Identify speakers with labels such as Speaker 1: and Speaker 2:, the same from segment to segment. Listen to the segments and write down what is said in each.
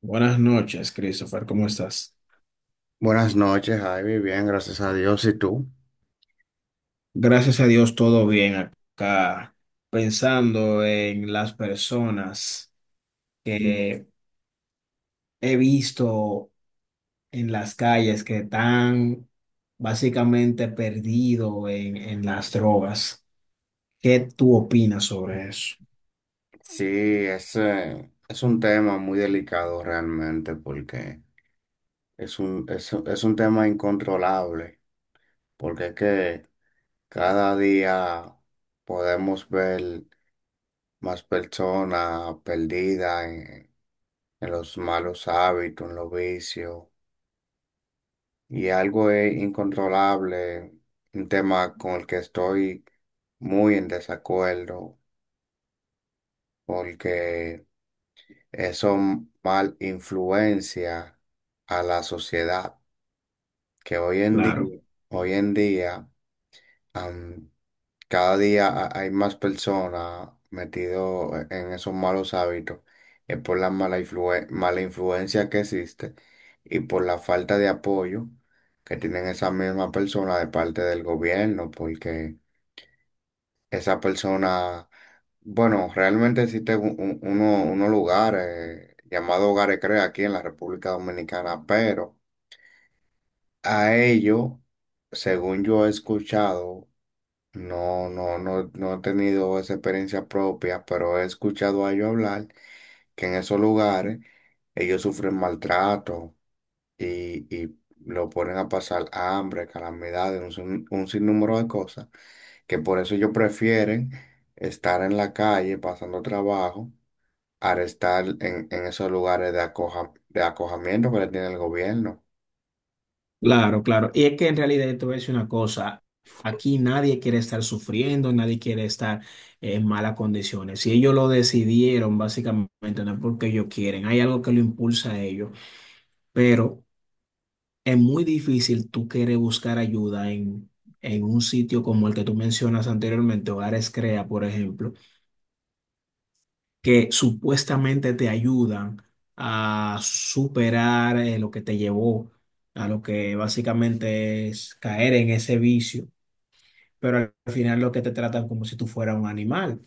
Speaker 1: Buenas noches, Christopher, ¿cómo estás?
Speaker 2: Buenas noches, Javi. Bien, gracias a Dios. ¿Y tú?
Speaker 1: Gracias a Dios, todo bien acá, pensando en las personas que he visto en las calles que están básicamente perdidos en las drogas. ¿Qué tú opinas sobre eso?
Speaker 2: Sí, es un tema muy delicado realmente porque es un tema incontrolable, porque es que cada día podemos ver más personas perdidas en los malos hábitos, en los vicios, y algo es incontrolable, un tema con el que estoy muy en desacuerdo, porque eso mal influencia a la sociedad, que
Speaker 1: Claro.
Speaker 2: hoy en día, am, cada día hay más personas metidas en esos malos hábitos, es por la mala influencia que existe y por la falta de apoyo que tienen esas mismas personas de parte del gobierno, porque esa persona, bueno, realmente existe unos lugares llamados Hogares Crea aquí en la República Dominicana, pero a ellos, según yo he escuchado, no he tenido esa experiencia propia, pero he escuchado a ellos hablar que en esos lugares ellos sufren maltrato y lo ponen a pasar hambre, calamidades, un, sin- un sinnúmero de cosas que por eso ellos prefieren estar en la calle pasando trabajo al estar en esos lugares de acojamiento que le tiene el gobierno.
Speaker 1: Claro, claro. Y es que en realidad te voy a decir una cosa, aquí nadie quiere estar sufriendo, nadie quiere estar en malas condiciones. Si ellos lo decidieron, básicamente no es porque ellos quieren, hay algo que lo impulsa a ellos, pero es muy difícil tú querer buscar ayuda en un sitio como el que tú mencionas anteriormente, Hogares Crea, por ejemplo, que supuestamente te ayudan a superar lo que te llevó a lo que básicamente es caer en ese vicio. Pero al final lo que te tratan como si tú fueras un animal.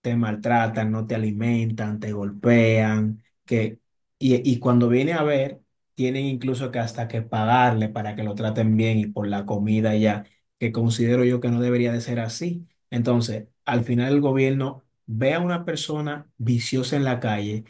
Speaker 1: Te maltratan, no te alimentan, te golpean, y cuando viene a ver, tienen incluso que hasta que pagarle para que lo traten bien y por la comida ya, que considero yo que no debería de ser así. Entonces, al final el gobierno ve a una persona viciosa en la calle.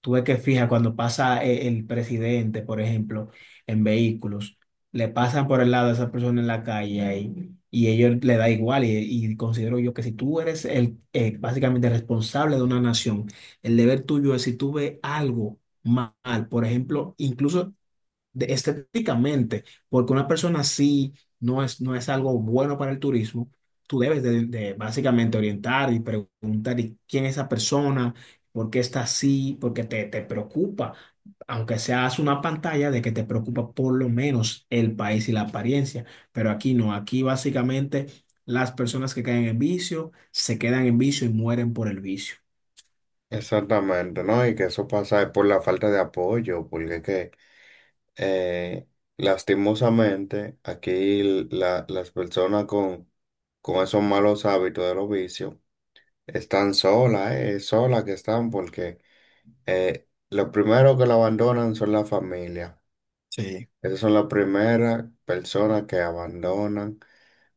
Speaker 1: Tú ves que fija cuando pasa el presidente, por ejemplo, en vehículos, le pasan por el lado a esa persona en la calle y ellos le da igual. Y considero yo que si tú eres el básicamente responsable de una nación, el deber tuyo es si tú ves algo mal, por ejemplo, incluso estéticamente, porque una persona así no es algo bueno para el turismo, tú debes de básicamente orientar y preguntar ¿y quién es esa persona, por qué está así? Porque te preocupa, aunque seas una pantalla de que te preocupa por lo menos el país y la apariencia, pero aquí no, aquí básicamente las personas que caen en vicio se quedan en vicio y mueren por el vicio.
Speaker 2: Exactamente, ¿no? Y que eso pasa es por la falta de apoyo, porque es que eh, lastimosamente aquí las personas con esos malos hábitos de los vicios están solas, solas que están, porque lo primero que la abandonan son la familia.
Speaker 1: Sí.
Speaker 2: Esas son las primeras personas que abandonan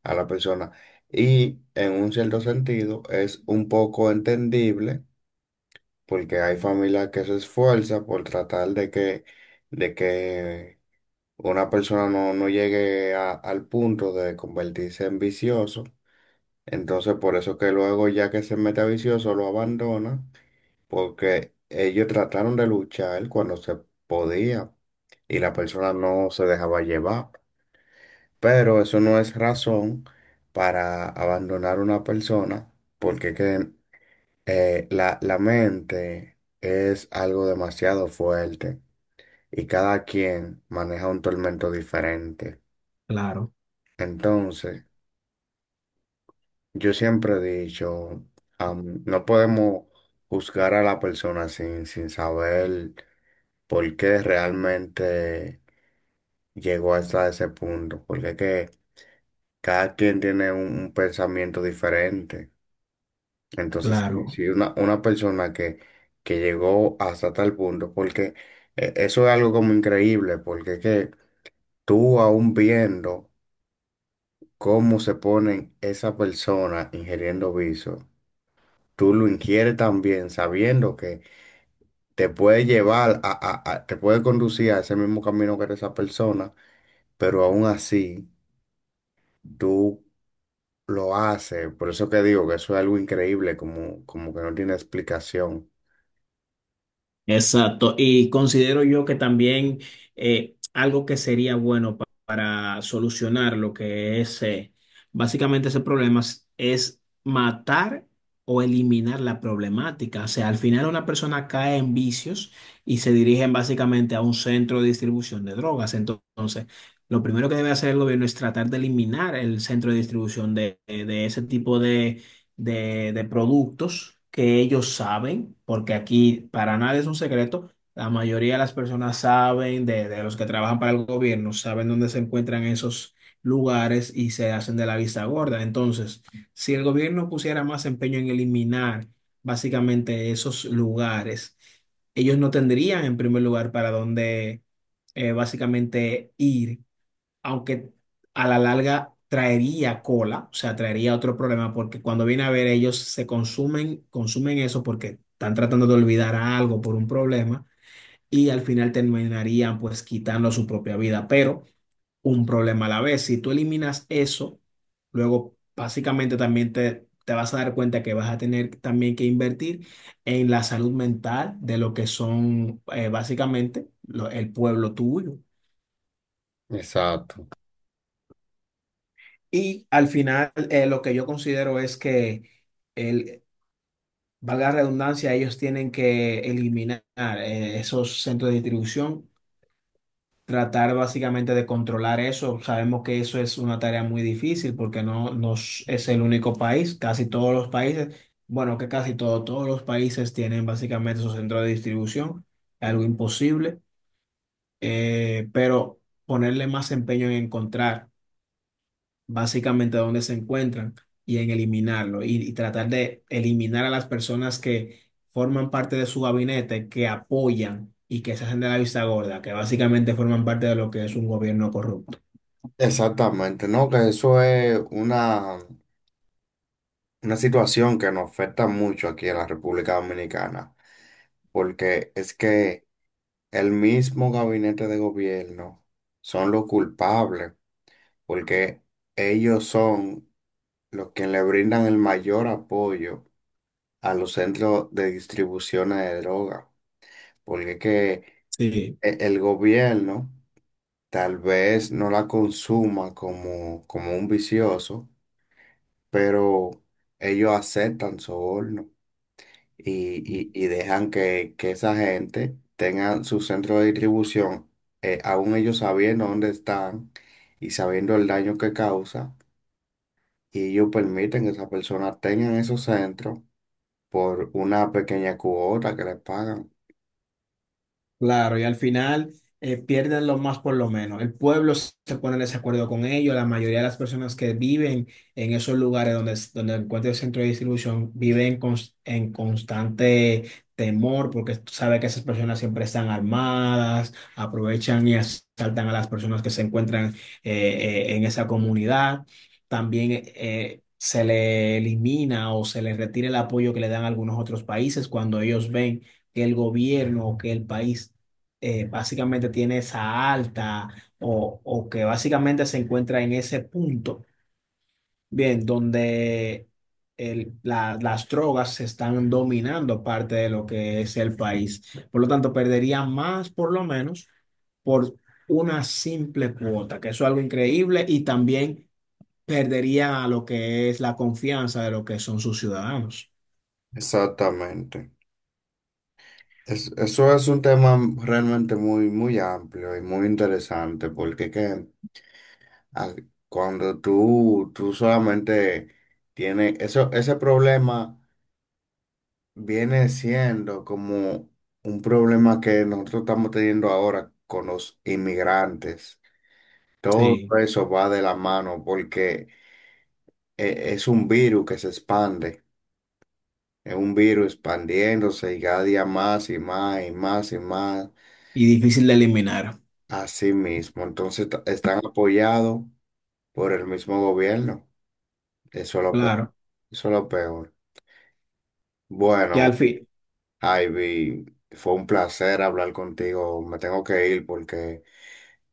Speaker 2: a la persona. Y en un cierto sentido es un poco entendible porque hay familias que se esfuerzan por tratar de que una persona no llegue al punto de convertirse en vicioso. Entonces por eso que luego ya que se mete a vicioso lo abandona porque ellos trataron de luchar cuando se podía y la persona no se dejaba llevar. Pero eso no es razón para abandonar una persona porque que, la mente es algo demasiado fuerte y cada quien maneja un tormento diferente.
Speaker 1: Claro,
Speaker 2: Entonces, yo siempre he dicho, no podemos juzgar a la persona sin saber por qué realmente llegó hasta ese punto, porque que cada quien tiene un pensamiento diferente. Entonces,
Speaker 1: claro.
Speaker 2: si una persona que llegó hasta tal punto, porque eso es algo como increíble, porque es que tú aún viendo cómo se ponen esa persona ingiriendo vicio, tú lo ingieres también sabiendo que te puede llevar te puede conducir a ese mismo camino que era esa persona, pero aún así tú lo haces. Por eso que digo que eso es algo increíble, como que no tiene explicación.
Speaker 1: Exacto. Y considero yo que también algo que sería bueno para solucionar lo que es básicamente ese problema es matar o eliminar la problemática. O sea, al final una persona cae en vicios y se dirigen básicamente a un centro de distribución de drogas. Entonces, lo primero que debe hacer el gobierno es tratar de eliminar el centro de distribución de ese tipo de productos que ellos saben, porque aquí para nadie es un secreto, la mayoría de las personas saben, de los que trabajan para el gobierno, saben dónde se encuentran esos lugares y se hacen de la vista gorda. Entonces, si el gobierno pusiera más empeño en eliminar básicamente esos lugares, ellos no tendrían en primer lugar para dónde básicamente ir, aunque a la larga traería cola, o sea, traería otro problema, porque cuando viene a ver ellos se consumen, consumen eso porque están tratando de olvidar algo por un problema y al final terminarían pues quitando su propia vida, pero un problema a la vez. Si tú eliminas eso, luego básicamente también te... te vas a dar cuenta que vas a tener también que invertir en la salud mental de lo que son básicamente el pueblo tuyo.
Speaker 2: Exacto.
Speaker 1: Y al final, lo que yo considero es que, el, valga la redundancia, ellos tienen que eliminar esos centros de distribución, tratar básicamente de controlar eso. Sabemos que eso es una tarea muy difícil porque no, nos es el único país, casi todos los países, bueno, que casi todo, todos los países tienen básicamente esos centros de distribución, algo imposible, pero ponerle más empeño en encontrar básicamente donde se encuentran y en eliminarlo y tratar de eliminar a las personas que forman parte de su gabinete, que apoyan y que se hacen de la vista gorda, que básicamente forman parte de lo que es un gobierno corrupto.
Speaker 2: Exactamente, no, que eso es una situación que nos afecta mucho aquí en la República Dominicana, porque es que el mismo gabinete de gobierno son los culpables, porque ellos son los que le brindan el mayor apoyo a los centros de distribución de droga, porque es que
Speaker 1: Sí.
Speaker 2: el gobierno tal vez no la consuma como un vicioso, pero ellos aceptan soborno y, y dejan que esa gente tenga su centro de distribución, aún ellos sabiendo dónde están y sabiendo el daño que causa, y ellos permiten que esas personas tengan esos centros por una pequeña cuota que les pagan.
Speaker 1: Claro, y al final pierden lo más por lo menos. El pueblo se pone en desacuerdo con ellos. La mayoría de las personas que viven en esos lugares donde encuentra el centro de distribución viven en constante temor porque tú sabes que esas personas siempre están armadas, aprovechan y asaltan a las personas que se encuentran en esa comunidad. También se le elimina o se les retira el apoyo que le dan algunos otros países cuando ellos ven que el gobierno o que el país básicamente tiene esa alta o que básicamente se encuentra en ese punto, bien, donde las drogas se están dominando parte de lo que es el país. Por lo tanto, perdería más por lo menos por una simple cuota, que eso es algo increíble y también perdería lo que es la confianza de lo que son sus ciudadanos.
Speaker 2: Exactamente. Eso es un tema realmente muy amplio y muy interesante, porque ¿qué? Ah, cuando tú solamente tienes eso, ese problema viene siendo como un problema que nosotros estamos teniendo ahora con los inmigrantes. Todo
Speaker 1: Sí,
Speaker 2: eso va de la mano porque es un virus que se expande, es un virus expandiéndose y cada día más y más y más y más
Speaker 1: y difícil de eliminar,
Speaker 2: a sí mismo. Entonces están apoyados por el mismo gobierno. Eso es lo pe-
Speaker 1: claro.
Speaker 2: Eso es lo peor.
Speaker 1: Ya al
Speaker 2: Bueno.
Speaker 1: fin.
Speaker 2: Ivy, fue un placer hablar contigo. Me tengo que ir porque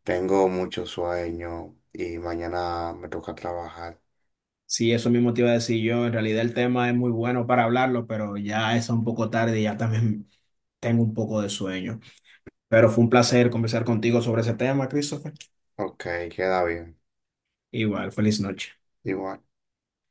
Speaker 2: tengo mucho sueño y mañana me toca trabajar.
Speaker 1: Sí, eso mismo te iba a decir yo. En realidad el tema es muy bueno para hablarlo, pero ya es un poco tarde y ya también tengo un poco de sueño. Pero fue un placer conversar contigo sobre ese tema, Christopher.
Speaker 2: Ok, queda bien.
Speaker 1: Igual, feliz noche.
Speaker 2: Igual.